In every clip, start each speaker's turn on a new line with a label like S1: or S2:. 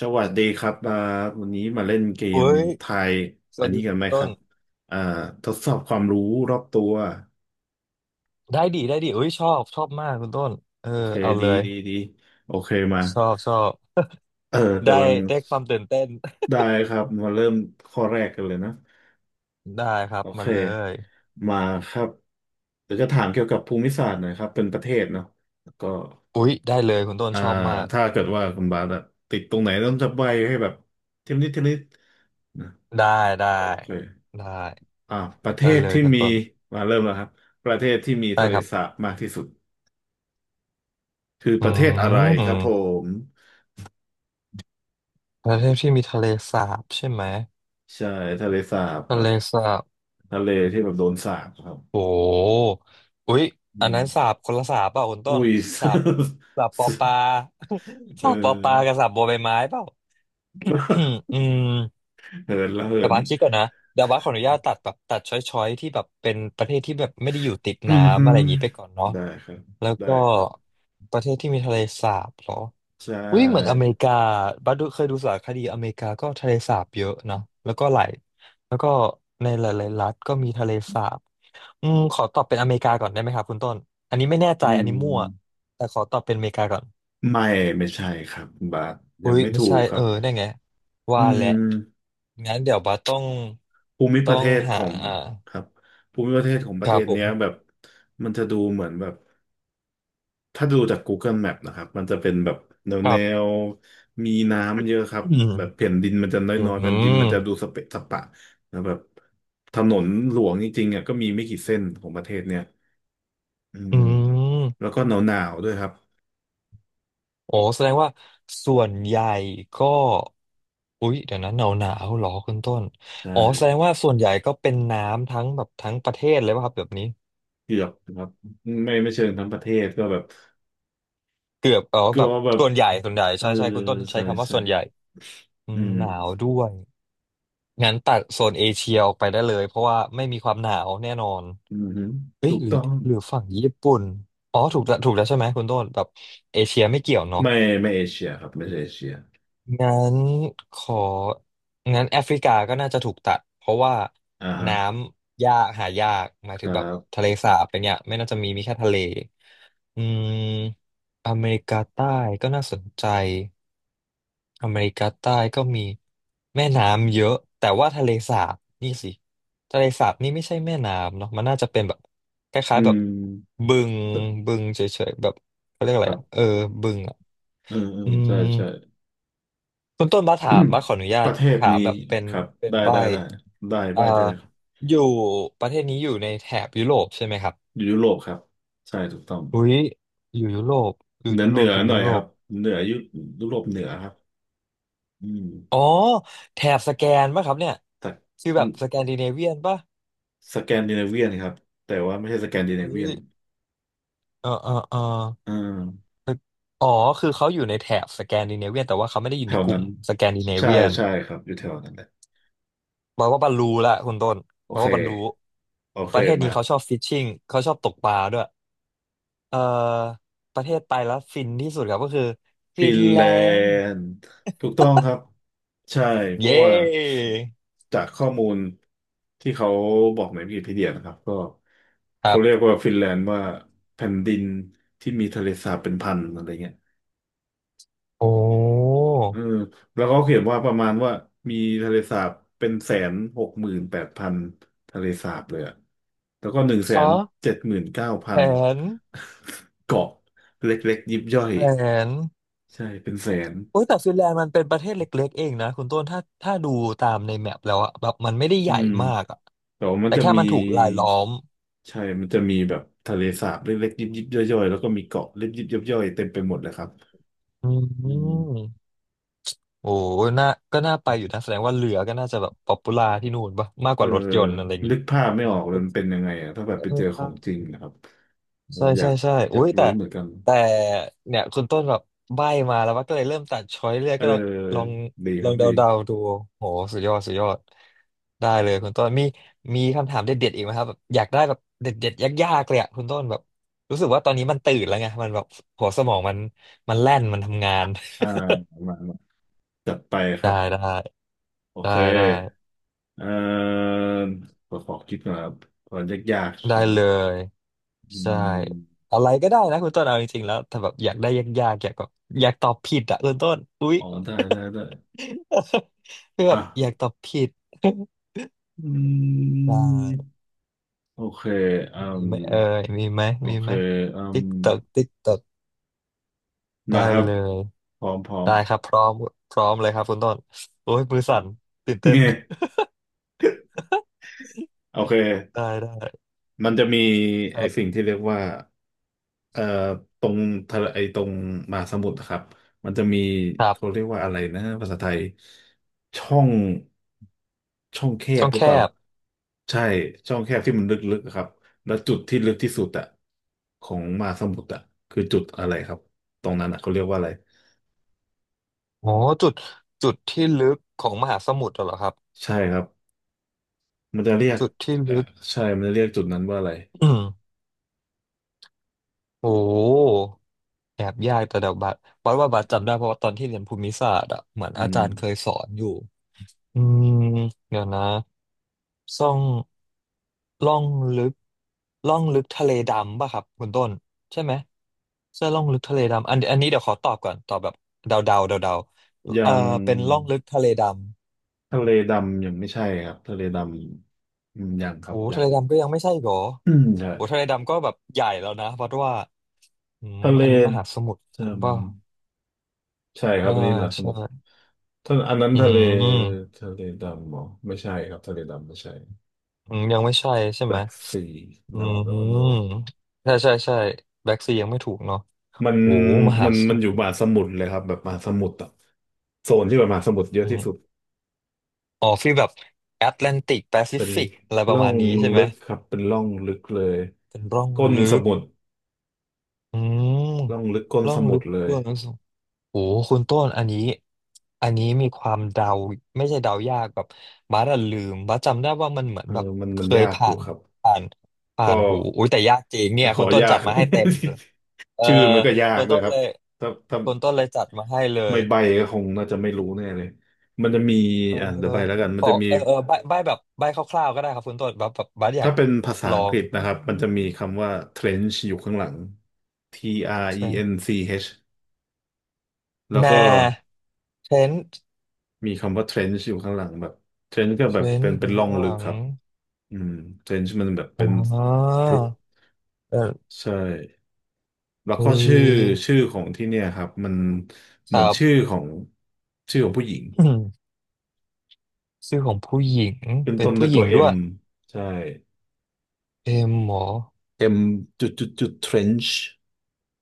S1: สวัสดีครับมาวันนี้มาเล่นเก
S2: เฮ้
S1: ม
S2: ย
S1: ทาย
S2: ส
S1: อั
S2: วั
S1: น
S2: สดี
S1: นี้กั
S2: คุ
S1: น
S2: ณ
S1: ไหม
S2: ต้
S1: ครั
S2: น
S1: บอ่าทดสอบความรู้รอบตัว
S2: ได้ดีได้ดีเอ้ยชอบชอบมากคุณต้นเออ
S1: โอเค
S2: เอา
S1: ดี
S2: เลย
S1: ดีดีโอเคมา
S2: ชอบชอบ
S1: เออ
S2: ได้
S1: กำลัง
S2: ได้ความตื่นเต้น
S1: ได้ครับมาเริ่มข้อแรกกันเลยนะ
S2: ได้ครั
S1: โอ
S2: บ
S1: เค
S2: มันเลย
S1: มาครับเดี๋ยวจะถามเกี่ยวกับภูมิศาสตร์หน่อยครับเป็นประเทศเนาะแล้วก็
S2: อุ๊ยได้เลยคุณต้น
S1: อ่า
S2: ชอบมาก
S1: ถ้าเกิดว่าคุณบาสอะติดตรงไหนต้องจะใบให้แบบเทมนิดเทมนิดนะ
S2: ได้ได้
S1: โอเค
S2: ได้
S1: อ่าประเท
S2: ได้
S1: ศ
S2: เลย
S1: ที่
S2: คุณ
S1: มี
S2: ต้น
S1: มาเริ่มแล้วครับประเทศที่มี
S2: ได้
S1: ทะเล
S2: ครับ
S1: สาบมากที่สุดคือ
S2: อื
S1: ประเทศอะไรครับ
S2: ม
S1: ม
S2: ประเทศที่มีทะเลสาบใช่ไหม
S1: ใช่ทะเลสาบแบ
S2: ทะเล
S1: บ
S2: สาบ
S1: ทะเลที่แบบโดนสาบครับ
S2: โอ้อุ๊ย
S1: อื
S2: อันนั้
S1: ม
S2: นสาบคนละสาบเปล่าคุณต้
S1: อุ้
S2: น
S1: ย
S2: สาบสาบปอปลา
S1: เอ
S2: สาบปอปลากับ
S1: อ
S2: สาบบัวใบไม้เปล่า อืม
S1: เหินละเหิ
S2: แต่
S1: น
S2: บาสคิดก่อนนะเดี๋ยวบาสขออนุญาตตัดแบบตัดช้อยๆที่แบบเป็นประเทศที่แบบไม่ได้อยู่ติด
S1: อืม
S2: น้ำ
S1: ฮึ
S2: อะไรอย่างนี้ไปก่อนเนาะ
S1: ได้ครับ
S2: แล้ว
S1: ได้
S2: ก็
S1: ครับ
S2: ประเทศที่มีทะเลสาบเหรอ
S1: ใช่
S2: อุ้ยเหมือนอเมริกาบัสดูเคยดูสารคดีอเมริกาก็ทะเลสาบเยอะนะแล้วก็หลายแล้วก็ในหลายๆรัฐก็มีทะเลสาบอืมขอตอบเป็นอเมริกาก่อนได้ไหมครับคุณต้นอันนี้ไม่แน่ใจ
S1: อื
S2: อัน
S1: ม
S2: นี้มั่วแต่ขอตอบเป็นอเมริกาก่อน
S1: ไม่ไม่ใช่ครับบาทยั
S2: อุ้
S1: ง
S2: ย
S1: ไม่
S2: ไม่
S1: ถู
S2: ใช่
S1: กค
S2: เอ
S1: รับ
S2: อได้ไง
S1: อื
S2: ว่าแหละ
S1: ม
S2: งั้นเดี๋ยวบัสต้อง
S1: ภูมิป
S2: ต้
S1: ระ
S2: อ
S1: เท
S2: ง
S1: ศข
S2: หา
S1: อง
S2: อ่า
S1: ครับภูมิประเทศของป
S2: ค
S1: ระเท
S2: รับ
S1: ศ
S2: ผ
S1: เนี้
S2: ม
S1: ยแบบมันจะดูเหมือนแบบถ้าดูจาก Google Map นะครับมันจะเป็นแบบแนว
S2: ค
S1: แน
S2: รับ
S1: วมีน้ำเยอะครับ
S2: อื
S1: แบบ
S2: ม
S1: แผ่นดินมันจะ
S2: อื
S1: น้อยๆแผ่นดินมั
S2: ม
S1: นจะดูสเปะสปะนะแบบถนนหลวงจริงๆอ่ะก็มีไม่กี่เส้นของประเทศเนี้ยอื
S2: อื
S1: ม
S2: ม
S1: แล้วก็หนาวๆด้วยครับ
S2: โอ้แสดงว่าส่วนใหญ่ก็ อุ๊ย เดี๋ยวนะหนาวหนาวหรอคุณต้น
S1: ใช่
S2: อ๋อแสดงว่าส่วนใหญ่ก็เป็นน้ำทั้งแบบทั้งประเทศเลยป่ะครับแบบนี้
S1: เกือบครับไม่เชิงทั้งประเทศก็แบบ
S2: เกือบเอ๋อ
S1: ก็
S2: แบบ
S1: แบบ
S2: ส่วนใหญ่ส่วนใหญ่
S1: เออ
S2: ใช่ใช่คุณต้นใช้
S1: ใช่
S2: คำว่า
S1: ใช่
S2: ส่วนใหญ่อื
S1: อื
S2: มหนาว
S1: ม
S2: ด้วย งั้นตัดโซนเอเชียออกไปได้เลยเพราะว่าไม่มีความหนาวแน่นอน
S1: อืมฮึ
S2: เอ้
S1: ถู
S2: ย
S1: ก
S2: หรือ
S1: ต้อง
S2: หรือฝั่งญี่ปุ่นอ๋อถูกแล้วถูกแล้วใช่ไหมคุณต้นแบบเอเชียไม่เกี่ยวเนาะ
S1: ไม่ไม่เอเชียครับไม่ใช่เอเชีย
S2: งั้นของั้นแอฟริกาก็น่าจะถูกตัดเพราะว่า
S1: อ่าฮะ
S2: น้ำยากหายากหมาย
S1: ค
S2: ถึง
S1: รั
S2: แบบ
S1: บ
S2: ทะเลสาบอะไรเงี้ยไม่น่าจะมีมีแค่ทะเลอืมอเมริกาใต้ก็น่าสนใจอเมริกาใต้ก็มีแม่น้ำเยอะแต่ว่าทะเลสาบนี่สิทะเลสาบนี่ไม่ใช่แม่น้ำเนาะมันน่าจะเป็นแบบคล้าย
S1: อื
S2: ๆแบบ
S1: ม
S2: บึงบึงเฉยๆแบบเขาเรียกอะ
S1: ค
S2: ไร
S1: รั
S2: อ่ะเออ
S1: บ
S2: บึงอ่ะ
S1: เออเออ
S2: อืม
S1: ใช่ใช่
S2: คุณต้นบัสถามบัสขออนุญา
S1: ป
S2: ต
S1: ระเทศ
S2: ถาม
S1: นี้
S2: แบบเป็น
S1: ครับ
S2: เป็น
S1: ได้
S2: ใบ
S1: ได้ได้ได้
S2: เอ่อ
S1: ได้ได้เลยครับ
S2: อยู่ประเทศนี้อยู่ในแถบยุโรปใช่ไหมครับ
S1: อยู่ยุโรปครับใช่ถูกต้อง
S2: อุ้ยอยู่ยุโรปอยู่
S1: เหนือ
S2: ยุ
S1: เห
S2: โร
S1: นื
S2: ป
S1: อ
S2: อยู่
S1: หน่อ
S2: ยุ
S1: ย
S2: โร
S1: ครั
S2: ป
S1: บเหนือยุยุโรปเหนือครับอืม
S2: อ๋อแถบสแกนป่ะครับเนี่ย
S1: แต่
S2: คือ
S1: อื
S2: แบบ
S1: ม
S2: สแกนดิเนเวียนป่ะ
S1: สแกนดิเนเวียนครับแต่ว่าไม่ใช่สแกนดิเน
S2: อุ้
S1: เวียน
S2: ยเออเออเออ
S1: อ่า
S2: อ๋อคือเขาอยู่ในแถบสแกนดิเนเวียนแต่ว่าเขาไม่ได้อยู่
S1: แถ
S2: ใน
S1: ว
S2: กลุ่
S1: นั้
S2: ม
S1: น
S2: สแกนดิเนเวี
S1: ใช่
S2: ยน
S1: ใช่ครับอยู่แถวนั้นแหละ
S2: บอกว่าบรรลุละคุณต้น
S1: โอ
S2: บอก
S1: เค
S2: ว่าบรรลุ
S1: โอ
S2: ป
S1: เค
S2: ระเทศ
S1: มา
S2: นี้เขาชอบฟิชชิ่งเขาชอบตกปลาด้วย เอ่อประเทศไปแล้วฟินที่สุดครับก็คือฟิ
S1: ฟิ
S2: น
S1: น
S2: แล
S1: แล
S2: นด์
S1: นด์ถูกต้องครับใช่เพราะ
S2: เย้
S1: ว่าจากข้อมูลที่เขาบอกในวิกิพีเดียนะครับก็
S2: ครั
S1: เขา
S2: บ
S1: เรียกว่าฟินแลนด์ว่าแผ่นดินที่มีทะเลสาบเป็นพันอะไรเงี้ย
S2: โอ้
S1: เออแล้วเขาเขียนว่าประมาณว่ามีทะเลสาบเป็น168,000ทะเลสาบเลยอะแล้วก็หนึ่งแส
S2: ข
S1: น
S2: อ
S1: เจ็ดหมื่นเก้าพั
S2: แผ
S1: น
S2: น
S1: เกาะเล็กๆยิบย่อย
S2: แผน
S1: ใช่เป็นแสน
S2: อุ้ยแต่ฟินแลนด์มันเป็นประเทศเล็กๆเองนะคุณต้นถ้าถ้าดูตามในแมปแล้วอะแบบมันไม่ได้
S1: อื
S2: ใหญ่
S1: ม
S2: มากอะ
S1: แต่ว่ามัน
S2: แต่
S1: จะ
S2: แค่
S1: มี
S2: มันถูกรายล้อม
S1: ใช่มันจะมีแบบทะเลสาบเล็กๆ ยิบยิบย่อยๆ แล้วก็มีเกาะเล็กยิบยิบย่อยๆเต็มไปหมดเลยครับ
S2: อื
S1: อืม
S2: มโอ้น่าก็น่าไปอยู่นะแสดงว่าเรือก็น่าจะแบบป๊อปปูล่าที่นู่นปะมาก
S1: เอ
S2: ก
S1: อ
S2: ว่ารถยนต์อะไรอย่าง
S1: นึ
S2: งี้
S1: กภาพไม่ออกเลยมันเป็นยังไงอะถ้าแบบ
S2: เอ
S1: ไปเจอของจ
S2: อ
S1: ริงนะครับเออ
S2: ใช่
S1: อยา
S2: ใช่
S1: ก
S2: ใช่
S1: อ
S2: อุ้
S1: ยาก
S2: ยแต่
S1: รู้เหมือนกัน
S2: แต่เนี่ยคุณต้นแบบใบ้มาแล้วว่าก็เลยเริ่มตัดช้อยเรื่อย
S1: เอ
S2: ก็ลอง
S1: อ
S2: ลอง
S1: ดี
S2: ล
S1: ค
S2: อ
S1: รั
S2: ง
S1: บ
S2: เดา
S1: ดี
S2: เดาดูโหสุดยอดสุดยอดได้เลยคุณต้นมีมีคำถามเด็ดๆอีกไหมครับแบบอยากได้แบบเด็ดๆยากๆเลยอะคุณต้นแบบรู้สึกว่าตอนนี้มันตื่นแล้วไงมันแบบหัวสมองมันมันแล่นมันทำงาน
S1: อ่ามามาจัดไป ค
S2: ได้
S1: รับ
S2: ได้
S1: โอ
S2: ได้
S1: เค
S2: ได้
S1: เออขอคิดก่อนครับก่อนยากๆ
S2: ได้
S1: ใช่ไหม
S2: เลย
S1: อื
S2: ใช่
S1: ม
S2: อะไรก็ได้นะคุณต้นเอาจริงๆแล้วถ้าแบบอยากได้ยากๆอยากแบบอยากตอบผิดอะคุณต้นอุ้ย
S1: อ๋อได้
S2: คือแบ
S1: อ่ะ
S2: บอยากตอบผิด
S1: อื
S2: ได้
S1: ม โอเคอื
S2: มี
S1: ม
S2: ไหมเอ่ยมีไหม
S1: โอ
S2: มี
S1: เค
S2: ไหม
S1: อืม
S2: ติ๊กตอกติ๊กตอกได้
S1: มาครับ
S2: เลย
S1: พร้อมพร้อม
S2: ได้ครับพร้อมพร้อมเลยครับคุณต้นโอ้ยมือ สั่
S1: อ่ะ
S2: นตื่นเต้น
S1: โอเค
S2: ได้ได้
S1: มันจะมี
S2: ค
S1: ไอ้
S2: รั
S1: สิ่
S2: บ
S1: งที่เรียกว่าเอ่อตรงทะเลไอ้ตรงมหาสมุทรนะครับมันจะมี
S2: ครั
S1: เขา
S2: บ
S1: เรียกว่าอะไรนะภาษาไทย ช่อง ช่องแค
S2: ช่
S1: บ
S2: อง
S1: หรื
S2: แค
S1: อเปล่า
S2: บ
S1: ใช่ช่องแคบที่มันลึกๆอะครับแล้วจุดที่ลึกที่สุดอะของมหาสมุทรอะคือจุดอะไรครับตรงนั้นอะเขาเรียกว่าอะไร
S2: โอ้จุดจุดที่ลึกของมหาสมุทรเหรอครับ
S1: ใช่ครับ มันจะเรียก
S2: จุดที่
S1: เอ่อ
S2: ลึก
S1: ใช่มันจะเรียกจุดนั้นว่าอะไร
S2: อืมโอ้แอบยากแต่เดี๋ยวบัดบัดว่าบัดจำได้เพราะว่าตอนที่เรียนภูมิศาสตร์อ่ะเหมือน
S1: อื
S2: อา
S1: ม
S2: จารย์เคยสอนอยู่อืมเดี๋ยวนะ ซ่องล่องลึกล่องลึกทะเลดำป่ะครับคุณต้นใช่ไหมเสื้อล่องลึกทะเลดำอันอันนี้เดี๋ยวขอตอบก่อนตอบแบบเดาเดาเดาเดาๆ
S1: อ
S2: เอ
S1: ย่า
S2: อ
S1: ง
S2: เป็นล่องลึกทะเลดำ
S1: ทะเลดำยังไม่ใช่ครับทะเลดำอืมยังครั
S2: โอ้
S1: บยั
S2: ทะเล
S1: ง
S2: ดำก็ยังไม่ใช่อีกเหรอ
S1: อืมใช่
S2: โอ้ทะเลดำก็แบบใหญ่แล้วนะเพราะว่าอืม
S1: ทะเล
S2: อันนี้มหาสมุทร
S1: เอืม
S2: ป่ะ
S1: ใช่ครับ
S2: ใช่
S1: อันนี้มหาส
S2: ใช่
S1: มุทรท่านอันนั้น
S2: อื
S1: ทะเล
S2: ม
S1: ทะเลดำเหรอไม่ใช่ครับทะเลดำไม่ใช่
S2: อืมยังไม่ใช่ใช่ไหม
S1: Black Sea
S2: อื
S1: no no no
S2: มใช่ใช่ใช่แบ็กซียังไม่ถูกเนาะ
S1: มัน
S2: โอ้มหา
S1: มัน
S2: ส
S1: มั
S2: มุ
S1: น
S2: ท
S1: อ
S2: ร
S1: ยู่มหาสมุทรเลยครับแบบมหาสมุทรอะโซนที่แบบมหาสมุทรเยอะที่สุด
S2: อ๋อฟีลแบบแอตแลนติกแปซิ
S1: เป็น
S2: ฟิกอะไรป
S1: ร่
S2: ระ
S1: อ
S2: มาณ
S1: ง
S2: นี้ใช่ไห
S1: ลึ
S2: ม
S1: กครับเป็นร่องลึกเลย
S2: เป็นร่อง
S1: ก้น
S2: ลึ
S1: ส
S2: ก
S1: มุทร
S2: อืม
S1: ร่องลึกก้น
S2: ร่อ
S1: ส
S2: ง
S1: มุ
S2: ลึ
S1: ท
S2: ก
S1: รเลย
S2: เบื้องสูงโอ้โหคุณต้นอันนี้อันนี้มีความเดาไม่ใช่เดายากแบบบัสอะลืมบัสจำได้ว่ามันเหมือน
S1: เออ
S2: แบบ
S1: มัน
S2: เค
S1: มัน
S2: ย
S1: ยากอ
S2: ผ่า
S1: ยู่
S2: น
S1: ครับ
S2: ผ่านผ่าน
S1: ก็
S2: หูอุ้ยแต่ยากจริงเนี่ย
S1: ข
S2: คุ
S1: อ
S2: ณต้น
S1: ยา
S2: จั
S1: ก
S2: ดมาให้เต็มเลยเออ
S1: ชื่อมันก็ยา
S2: คุ
S1: ก
S2: ณ
S1: ด้วย
S2: ต้น
S1: ครับ
S2: เลย
S1: ถ้า
S2: คุณต้นเลยจัดมาให้เล
S1: ไม่
S2: ย
S1: ใบก็คงน่าจะไม่รู้แน่เลยมันจะมี
S2: เออ
S1: เดี๋ยวใบแล้วกัน
S2: ข
S1: มัน
S2: อ
S1: จะมี
S2: เออเออใบใบแบบใบคร่าวๆก็ได้ครับคุณต้นแบบแบบบัสอยา
S1: ถ้า
S2: ก
S1: เป็นภาษา
S2: ลอ
S1: อังก
S2: ง
S1: ฤษนะครับมันจะมีคำว่า trench อยู่ข้างหลัง TRENCH แล้ว
S2: นา
S1: ก็
S2: เทรนต์
S1: มีคำว่า trench อยู่ข้างหลังแบบ trench ก็
S2: เท
S1: แบ
S2: ร
S1: บ
S2: น
S1: เป็น
S2: ต์อ
S1: เป็น
S2: ยู่
S1: ร่อ
S2: ข้า
S1: ง
S2: งห
S1: ลึก
S2: ลัง
S1: ครับอืม trench มันแบบ
S2: อ๋
S1: เป็
S2: อ
S1: นพรุ
S2: เออ
S1: ใช่แล้ว
S2: เ
S1: ก็ชื่อ
S2: อ
S1: ชื่อของที่เนี่ยครับมัน
S2: ค
S1: เหมื
S2: รั
S1: อน
S2: บ
S1: ชื่อของชื่อของผู้หญิง
S2: ชื่อของผู้หญิง
S1: เป็น
S2: เป็น
S1: ต้นด้ว
S2: ผู้
S1: ย
S2: ห
S1: ตั
S2: ญิ
S1: ว
S2: งด้ว
S1: M
S2: ย
S1: ใช่
S2: เอ็มหมอ
S1: M จุดจุดจุด trench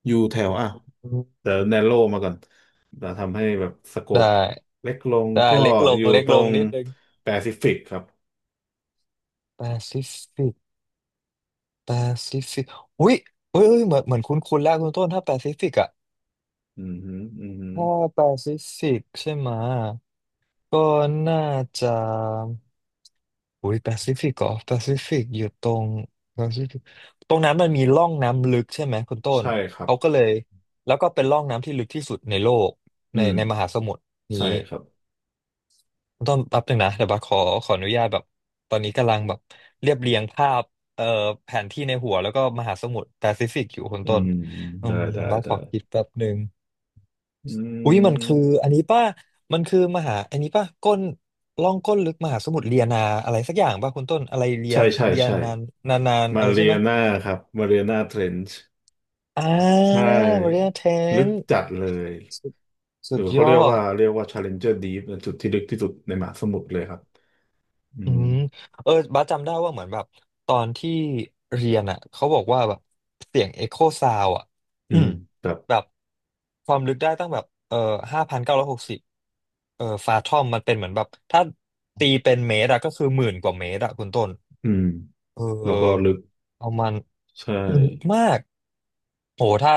S1: อยู่แถวอ่ะ
S2: อืม
S1: เดี๋ยว narrow มาก่อนจะทำให้แบบสโค
S2: ได้
S1: ปเล็กลง
S2: ได้
S1: ก็
S2: เล็กล
S1: อ
S2: ง
S1: ยู่
S2: เล็ก
S1: ตร
S2: ลง
S1: ง
S2: นิดนึง
S1: แปซิฟิกครับ
S2: แปซิฟิกแปซิฟิกอุ้ยอุ้ยอุ้ยเหมือนเหมือนคุ้นคุ้นแล้วคุณต้นถ้าแปซิฟิกอะ
S1: อืมฮึอืมฮึ
S2: ถ้าแปซิฟิกใช่ไหมะก็น่าจะ อุ้ยแปซิฟิกเหรอแปซิฟิกอยู่ตรงแปซิฟิกตรงนั้นมันมีร่องน้ำลึกใช่ไหมคุณต้น
S1: ใช่ครับ
S2: เขาก็เลยแล้วก็เป็นร่องน้ำที่ลึกที่สุดในโลก
S1: อื
S2: ใน
S1: ม
S2: มหาสมุทรนี้
S1: ใช่ครับ
S2: คุณต้นแป๊บนึงนะเดี๋ยวบัสขอขออนุญาตแบบตอนนี้กำลังแบบเรียบเรียงภาพเอ่อแผนที่ในหัวแล้วก็มหาสมุทรแปซิฟิกอยู่คุณ
S1: อื
S2: ต้น
S1: ม
S2: อื
S1: ได้
S2: ม
S1: ได้
S2: บัส
S1: ได้
S2: ขอคิดแป๊บนึง
S1: อื
S2: อุ้ยมันคือ
S1: ม
S2: อันนี้ป่ะมันคือมหาอันนี้ป่ะก้นล่องก้นลึกมหาสมุทรเลียนาอะไรสักอย่างป่ะคุณต้นอะไรเลีย
S1: ใช่ใช่
S2: เลีย
S1: ใช่
S2: นานนานนาน
S1: มา
S2: อะไร
S1: เรี
S2: ใช่ไห
S1: ย
S2: ม
S1: นาครับมาเรียนาเทรนช์
S2: อ่า
S1: ใช่
S2: มาเรียเท
S1: ลึ
S2: น
S1: กจัดเลย
S2: สุด
S1: ห
S2: สุ
S1: รือ
S2: ดย
S1: เขา
S2: อ
S1: เรียกว่า
S2: ด
S1: เรียกว่า Challenger Deep นะจุดที่ลึกที่สุดในมหาสมุทรเลยครับ อื
S2: อื
S1: ม
S2: มเออบ้าสจำได้ว่าเหมือนแบบตอนที่เรียนอ่ะเขาบอกว่าแบบเสียงเอ็กโคซาวอ่ะ
S1: อื
S2: อื
S1: ม
S2: ม
S1: แบบ
S2: แบบความลึกได้ตั้งแบบ5,960เออฟาทอมมันเป็นเหมือนแบบถ้าตีเป็นเมตรอะก็คือหมื่นกว่าเมตรอะคุณต้น
S1: อืม
S2: เ
S1: แล้วก็
S2: ออ
S1: ลึก
S2: เอามัน
S1: ใช่
S2: ลึกมากโหถ้า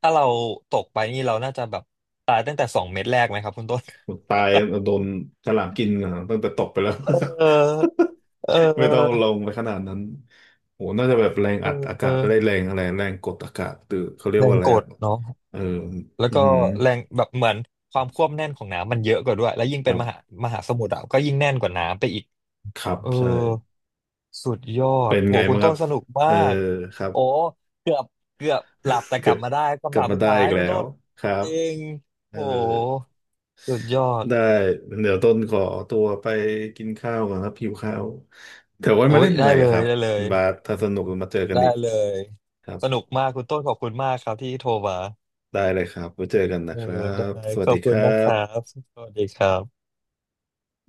S2: ถ้าเราตกไปนี่เราน่าจะแบบตายตั้งแต่สองเม็ดแรกไหมครับคุณต้น
S1: ตายโดนฉลามกินอ่ะตั้งแต่ตกไปแล้ว
S2: เออเอ
S1: ไม่ต้อง
S2: อ
S1: ลงไปขนาดนั้นโหน่าจะแบบแรง
S2: เ
S1: อัดอากาศ
S2: ออ
S1: ได้แรงอะไรแรงกดอากาศตือเขาเรียก
S2: แร
S1: ว่า
S2: ง
S1: อะไร
S2: ก
S1: อะ
S2: ดเนาะ
S1: เออ
S2: แล้ว
S1: อื
S2: ก็
S1: ม
S2: แรงแบบเหมือนความควบแน่นของน้ำมันเยอะกว่าด้วยแล้วยิ่ง
S1: ค
S2: เป็
S1: รั
S2: นมหา
S1: บ
S2: มหาสมุทรอ่ะก็ยิ่งแน่นกว่าน้ำไปอีก
S1: ครับ
S2: เออ
S1: ใช่
S2: สุดยอ
S1: เป็
S2: ด
S1: น
S2: โห
S1: ไง
S2: คุ
S1: บ้า
S2: ณ
S1: งค
S2: ต้
S1: รั
S2: น
S1: บ
S2: สนุกมา
S1: เออ
S2: ก
S1: ครับ
S2: โอ้เกือบเกือบหลับแต่ ก
S1: เกือ
S2: ลั
S1: บ
S2: บมาได้
S1: เก
S2: คำ
S1: ลับ
S2: ถาม
S1: มา
S2: สุด
S1: ได้
S2: ท้าย
S1: อีก
S2: คุ
S1: แล้
S2: ณต้
S1: ว
S2: น
S1: ครั
S2: จ
S1: บ
S2: ริง
S1: เออ
S2: โหสุดยอด
S1: ได้เดี๋ยวต้นขอตัวไปกินข้าวก่อนครับหิวข้าวเดี๋ยวไว้มา
S2: โอ้ย
S1: เล่น
S2: ได้
S1: ใหม่
S2: เล
S1: ครั
S2: ย
S1: บ
S2: ได้เลย
S1: บาสถ้าสนุกมาเจอกัน
S2: ได้
S1: อีก
S2: เลย
S1: ครับ
S2: สนุกมากคุณต้นขอบคุณมากครับที่โทรมา
S1: ได้เลยครับไว้เจอกันนะ
S2: เออ
S1: ครั
S2: ได้
S1: บ สวั
S2: ข
S1: ส
S2: อ
S1: ดี
S2: บ
S1: ค
S2: คุณ
S1: รั
S2: นะครับ
S1: บ
S2: สวัสดีครับ